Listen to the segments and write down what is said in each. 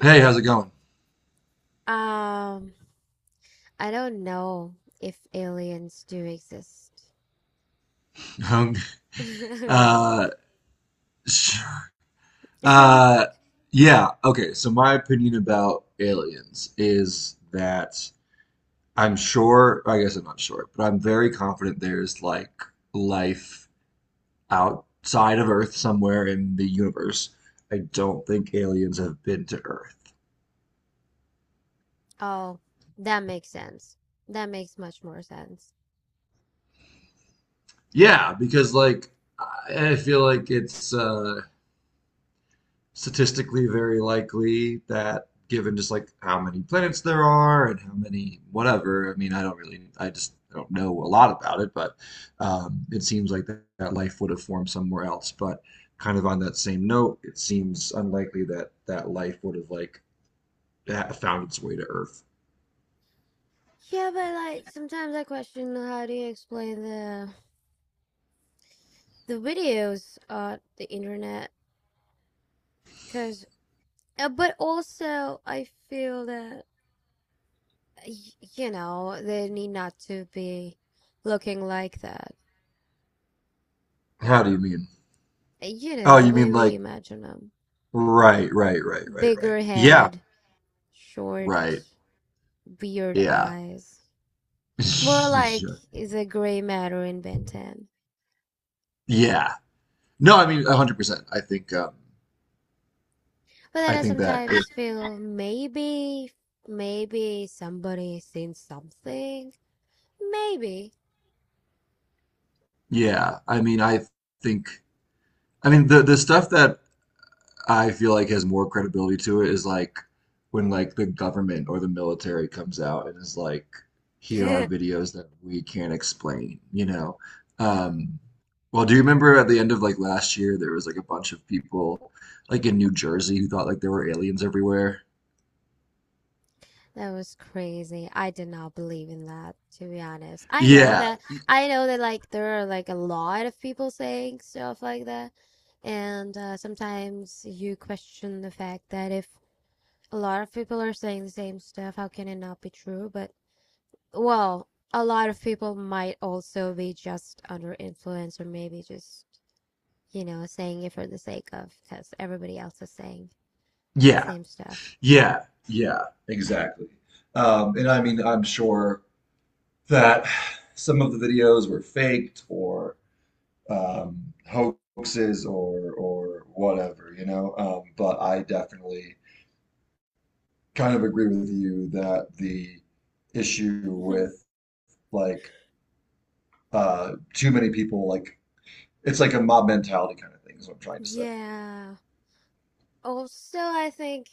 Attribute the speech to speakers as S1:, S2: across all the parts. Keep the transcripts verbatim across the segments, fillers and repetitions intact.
S1: Hey, how's it going?
S2: Um, I don't know if aliens do exist. I mean,
S1: uh, sure. uh, yeah, okay. So my opinion about aliens is that I'm sure, I guess I'm not sure, but I'm very confident there's like life outside of Earth somewhere in the universe. I don't think aliens have been to Earth.
S2: oh, that makes sense. That makes much more sense.
S1: Yeah, because like I I feel like it's uh statistically very likely that given just like how many planets there are and how many whatever. I mean, I don't really, I just don't know a lot about it, but um, it seems like that, that life would have formed somewhere else. But kind of on that same note, it seems unlikely that that life would have like ha- found its way to Earth.
S2: Yeah, but like sometimes I question how do you explain the the videos on the internet? Cause, uh, but also I feel that y- you know they need not to be looking like that.
S1: How do you mean?
S2: You know
S1: Oh,
S2: the
S1: you
S2: way
S1: mean
S2: we
S1: like
S2: imagine them:
S1: right, right, right, right, right.
S2: bigger
S1: Yeah,
S2: head, short,
S1: right.
S2: weird
S1: Yeah.
S2: eyes. More like
S1: Sure.
S2: is a gray matter in Ben ten.
S1: Yeah. No, I mean one hundred percent. I think um
S2: But then
S1: I
S2: I
S1: think that
S2: sometimes feel maybe, maybe somebody seen something. Maybe.
S1: Yeah, I mean, I think, I mean, the the stuff that I feel like has more credibility to it is like when like the government or the military comes out and is like, here are videos that we can't explain, you know?
S2: Oh,
S1: Um, well, do you remember at the end of like last year there was like a bunch of people like in New Jersey who thought like there were aliens everywhere?
S2: that was crazy. I did not believe in that, to be honest. I know
S1: Yeah,
S2: that, I know that like there are like a lot of people saying stuff like that. And uh, sometimes you question the fact that if a lot of people are saying the same stuff, how can it not be true? But well, a lot of people might also be just under influence or maybe just, you know, saying it for the sake of because everybody else is saying the
S1: yeah,
S2: same stuff.
S1: yeah, yeah, exactly. Um, and I mean, I'm sure. that some of the videos were faked or um, hoaxes or or whatever, you know. Um, but I definitely kind of agree with you that the issue with like uh, too many people, like it's like a mob mentality kind of thing, is what I'm trying to say.
S2: Yeah. Also, I think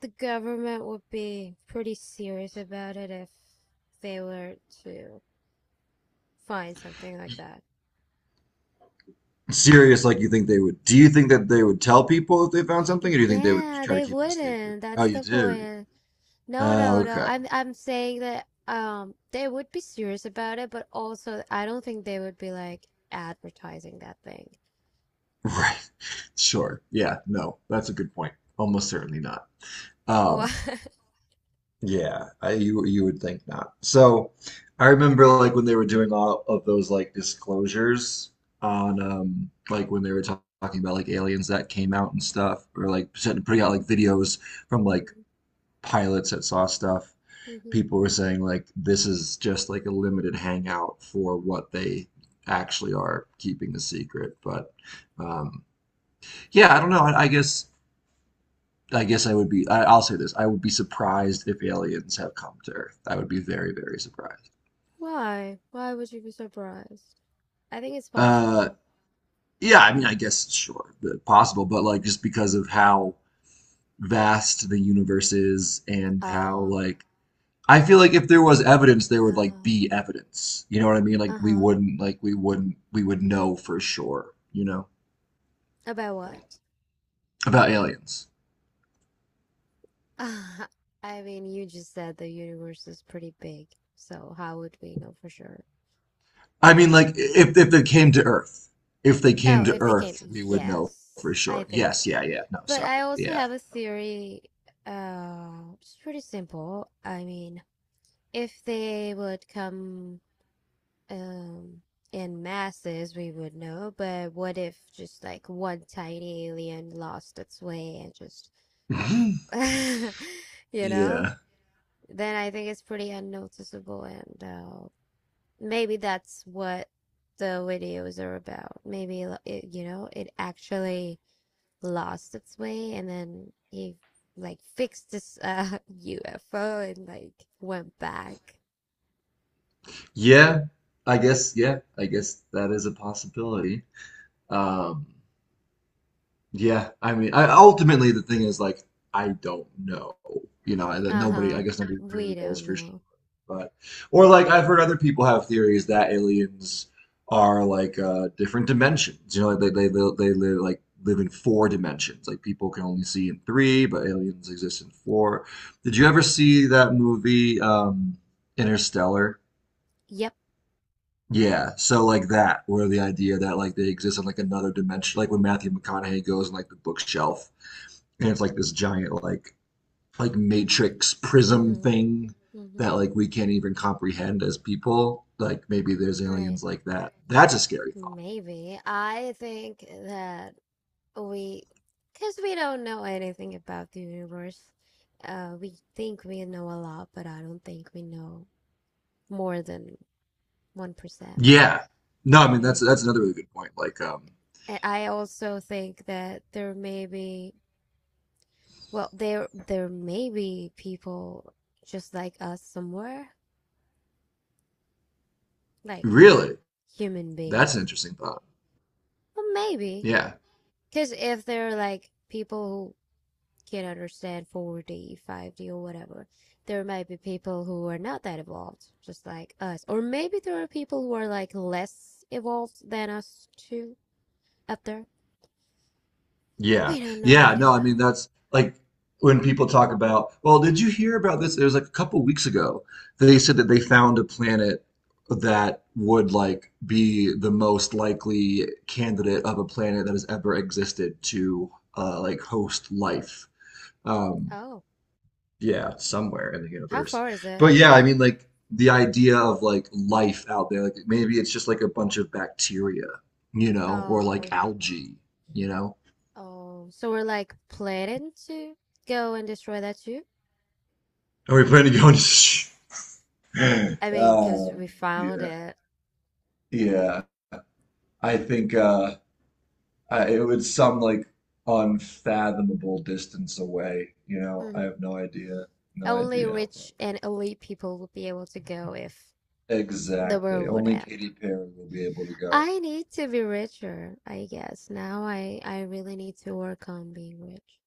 S2: the government would be pretty serious about it if they were to find something like that.
S1: Serious, like, you think they would, do you think that they would tell people if they found something, or do you think they would
S2: Yeah,
S1: try to
S2: they
S1: keep it a secret?
S2: wouldn't.
S1: Oh,
S2: That's
S1: you
S2: the
S1: do?
S2: point. No, no,
S1: Oh,
S2: no.
S1: okay.
S2: I'm I'm saying that um they would be serious about it, but also I don't think they would be like advertising that thing.
S1: Right. Sure. Yeah. No, that's a good point. Almost certainly not.
S2: Why?
S1: Um, yeah, I, you you would think not. So, I remember like when they were doing all of those like disclosures on um like when they were talk- talking about like aliens that came out and stuff, or like set- putting out like videos from like
S2: Mhm,
S1: pilots that saw stuff.
S2: mhm.
S1: People were saying like this is just like a limited hangout for what they actually are keeping a secret, but um, yeah, I don't know. I, I guess I guess I would be. I, I'll say this: I would be surprised if aliens have come to Earth. I would be very, very surprised.
S2: Why? Why would you be surprised? I think it's
S1: Uh,
S2: possible.
S1: yeah, I mean, I guess sure, possible, but like just because of how vast the universe is and how
S2: Oh,
S1: like I feel like if there was evidence, there would like
S2: oh,
S1: be evidence. You know what I mean? Like we
S2: uh-huh.
S1: wouldn't like we wouldn't, we would know for sure. You know
S2: About what?
S1: about aliens.
S2: I mean, you just said the universe is pretty big, so how would we know for sure?
S1: I mean, like if if they came to Earth, if they
S2: Oh,
S1: came to
S2: if they came,
S1: Earth, we would know for
S2: yes, I
S1: sure.
S2: think.
S1: Yes, yeah, yeah. No,
S2: But I
S1: sorry,
S2: also
S1: yeah.
S2: have a theory. Uh, it's pretty simple. I mean, if they would come um in masses, we would know. But what if just like one tiny alien lost its way and just, you know?
S1: Yeah.
S2: Then I think it's pretty unnoticeable, and uh, maybe that's what the videos are about. Maybe like, it, you know, it actually lost its way and then he like fixed this uh U F O and like went back.
S1: Yeah. I guess, yeah. I guess that is a possibility. Um, yeah. I mean, I, ultimately, the thing is, like, I don't know. You know, I- that nobody, I
S2: Uh-huh.
S1: guess nobody
S2: We
S1: really knows
S2: don't
S1: for sure.
S2: know.
S1: But, or like, I've heard other people have theories that aliens are like uh, different dimensions. You know, like they, they, they, they live like, live in four dimensions. Like, people can only see in three, but aliens exist in four. Did you ever see that movie, um, Interstellar?
S2: Yep.
S1: Yeah, so like that, where the idea that like they exist on like another dimension, like when Matthew McConaughey goes on like the bookshelf, and it's like this giant like like matrix prism
S2: Mm-hmm.
S1: thing that
S2: Mm-hmm.
S1: like we can't even comprehend as people. Like maybe there's
S2: Right.
S1: aliens like that. That's a scary thought.
S2: Maybe. I think that we, because we don't know anything about the universe, uh, we think we know a lot, but I don't think we know more than one percent,
S1: Yeah. No, I mean that's
S2: right?
S1: that's another really good point. Like, um,
S2: And I also think that there may be, well, there there may be people just like us somewhere, like
S1: really,
S2: human
S1: that's an
S2: beings.
S1: interesting thought.
S2: But maybe,
S1: Yeah.
S2: because if they're like people who can't understand four D, five D, or whatever, there might be people who are not that evolved, just like us. Or maybe there are people who are like less evolved than us too out there.
S1: Yeah.
S2: We don't know. We
S1: Yeah. No,
S2: don't
S1: I mean,
S2: know.
S1: that's like when people talk about, well, did you hear about this? It was like a couple weeks ago. They said that they found a planet that would like be the most likely candidate of a planet that has ever existed to uh, like host life. Um,
S2: Oh,
S1: yeah, somewhere in the
S2: how
S1: universe.
S2: far is it?
S1: But yeah, I mean, like the idea of like life out there, like maybe it's just like a bunch of bacteria, you know, or like
S2: Oh,
S1: algae, you know.
S2: oh. So we're like planning to go and destroy that too.
S1: Are we planning to go into?
S2: I mean, because
S1: Uh,
S2: we found
S1: yeah,
S2: it.
S1: yeah. I think uh, I, it would some like unfathomable distance away. You know, I have
S2: Hmm.
S1: no idea, no
S2: Only
S1: idea how far.
S2: rich and elite people would be able to go if the
S1: Exactly.
S2: world would
S1: Only
S2: end.
S1: Katy Perry will be able to go.
S2: I need to be richer, I guess. Now I, I really need to work on being rich.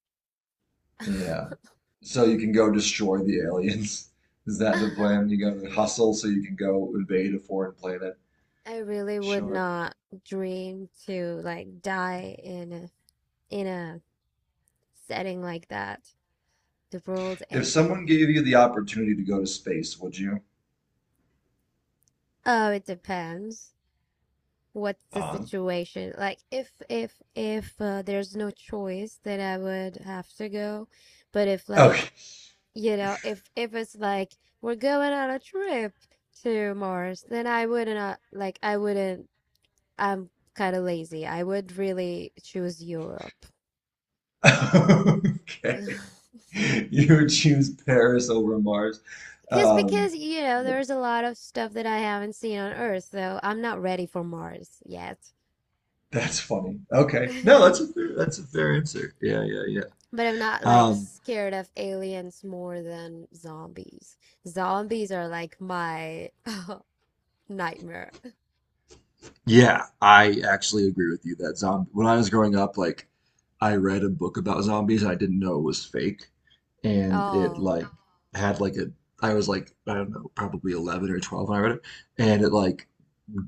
S1: Yeah. So you can go destroy the aliens. Is that the plan? You gotta hustle so you can go invade a foreign planet.
S2: I really would
S1: Sure.
S2: not dream to like die in a, in a setting like that. The world
S1: If someone
S2: ending.
S1: gave you the opportunity to go to space, would you?
S2: Oh, it depends. What's the
S1: On.
S2: situation like? If if if uh, there's no choice, then I would have to go. But if like,
S1: Okay.
S2: you know, if if it's like we're going on a trip to Mars, then I wouldn't, uh, like I wouldn't, I'm kind of lazy, I would really choose Europe.
S1: Okay. You would choose Paris over Mars.
S2: because
S1: Um,
S2: because you know
S1: yeah,
S2: there's a lot of stuff that I haven't seen on Earth, so I'm not ready for Mars yet.
S1: that's funny. Okay. No, that's a fair, that's a fair answer. Yeah, yeah, yeah.
S2: But I'm not like
S1: Um,
S2: scared of aliens more than zombies. Zombies are like my nightmare.
S1: yeah, I actually agree with you that zombie, when I was growing up, like I read a book about zombies, I didn't know it was fake, and it
S2: Oh,
S1: like had like a, I was like, I don't know, probably eleven or twelve when I read it, and it like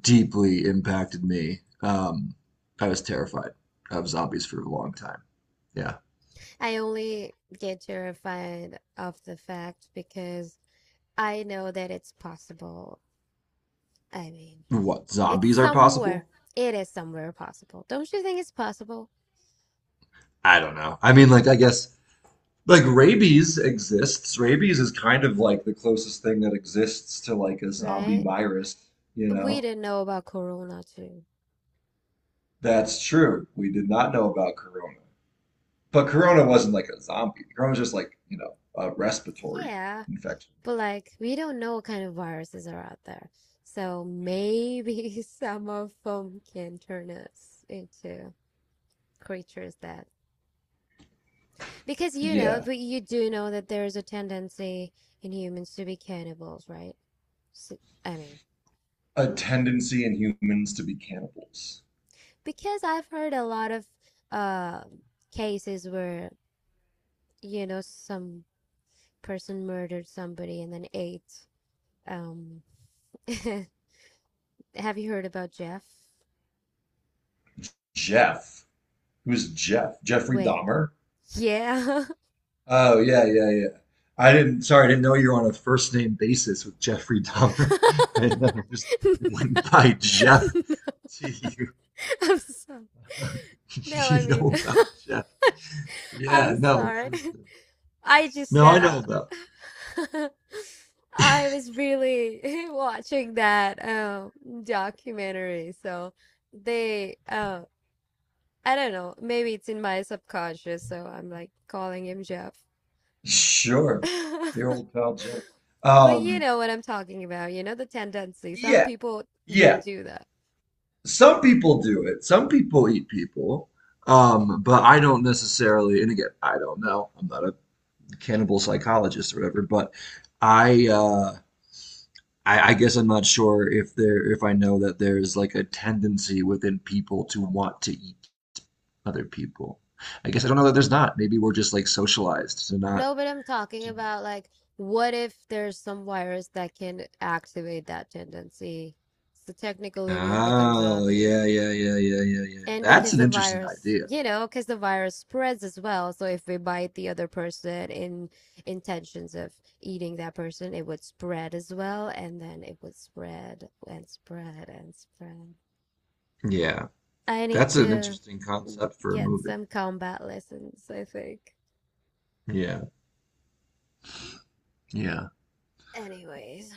S1: deeply impacted me. Um, I was terrified of zombies for a long time. Yeah.
S2: I only get terrified of the fact because I know that it's possible. I mean,
S1: What,
S2: it's
S1: zombies are
S2: somewhere.
S1: possible?
S2: It is somewhere possible. Don't you think it's possible?
S1: I don't know. I mean, like, I guess, like, rabies exists. Rabies is kind of like the closest thing that exists to, like, a zombie
S2: Right?
S1: virus, you
S2: We
S1: know?
S2: didn't know about Corona too.
S1: That's true. We did not know about corona. But corona wasn't like a zombie. Corona was just like, you know, a respiratory
S2: Yeah.
S1: infection.
S2: But like, we don't know what kind of viruses are out there. So maybe some of them can turn us into creatures that, because you know,
S1: Yeah.
S2: but you do know that there is a tendency in humans to be cannibals, right? So, I mean,
S1: A tendency in humans to be cannibals.
S2: because I've heard a lot of uh, cases where, you know, some person murdered somebody and then ate. Um, have you heard about Jeff?
S1: Jeff. Who's Jeff? Jeffrey
S2: Wait,
S1: Dahmer?
S2: yeah.
S1: Oh yeah, yeah, yeah. I didn't. Sorry, I didn't know you were on a first name basis with Jeffrey Dahmer. I never just
S2: No.
S1: went by Jeff.
S2: No,
S1: Do you,
S2: I'm sorry. No,
S1: do
S2: I
S1: you
S2: mean,
S1: know about Jeff?
S2: I'm
S1: Yeah, no,
S2: sorry.
S1: for sure.
S2: I just,
S1: No, I know
S2: uh,
S1: about.
S2: I was really watching that um documentary, so they, uh, I don't know, maybe it's in my subconscious, so I'm like calling him Jeff.
S1: Sure, your old pal Jeff.
S2: But you
S1: Um,
S2: know what I'm talking about, you know, the tendency. Some
S1: yeah,
S2: people
S1: yeah.
S2: do that.
S1: Some people do it. Some people eat people. Um, but I don't necessarily. And again, I don't know. I'm not a cannibal psychologist or whatever. But I. Uh, I, I guess I'm not sure if there if I know that there's like a tendency within people to want to eat other people. I guess I don't know that there's not. Maybe we're just like socialized to not.
S2: No, but I'm talking
S1: To...
S2: about like, what if there's some virus that can activate that tendency? So technically, we'd become
S1: Oh,
S2: zombies.
S1: yeah, yeah, yeah, yeah, yeah, yeah.
S2: And
S1: That's
S2: because
S1: an
S2: the
S1: interesting
S2: virus,
S1: idea.
S2: you know, because the virus spreads as well. So if we bite the other person in intentions of eating that person, it would spread as well. And then it would spread and spread and spread.
S1: Yeah,
S2: I need
S1: that's an
S2: to
S1: interesting concept for a
S2: get
S1: movie.
S2: some combat lessons, I think.
S1: Yeah, yeah.
S2: Anyways.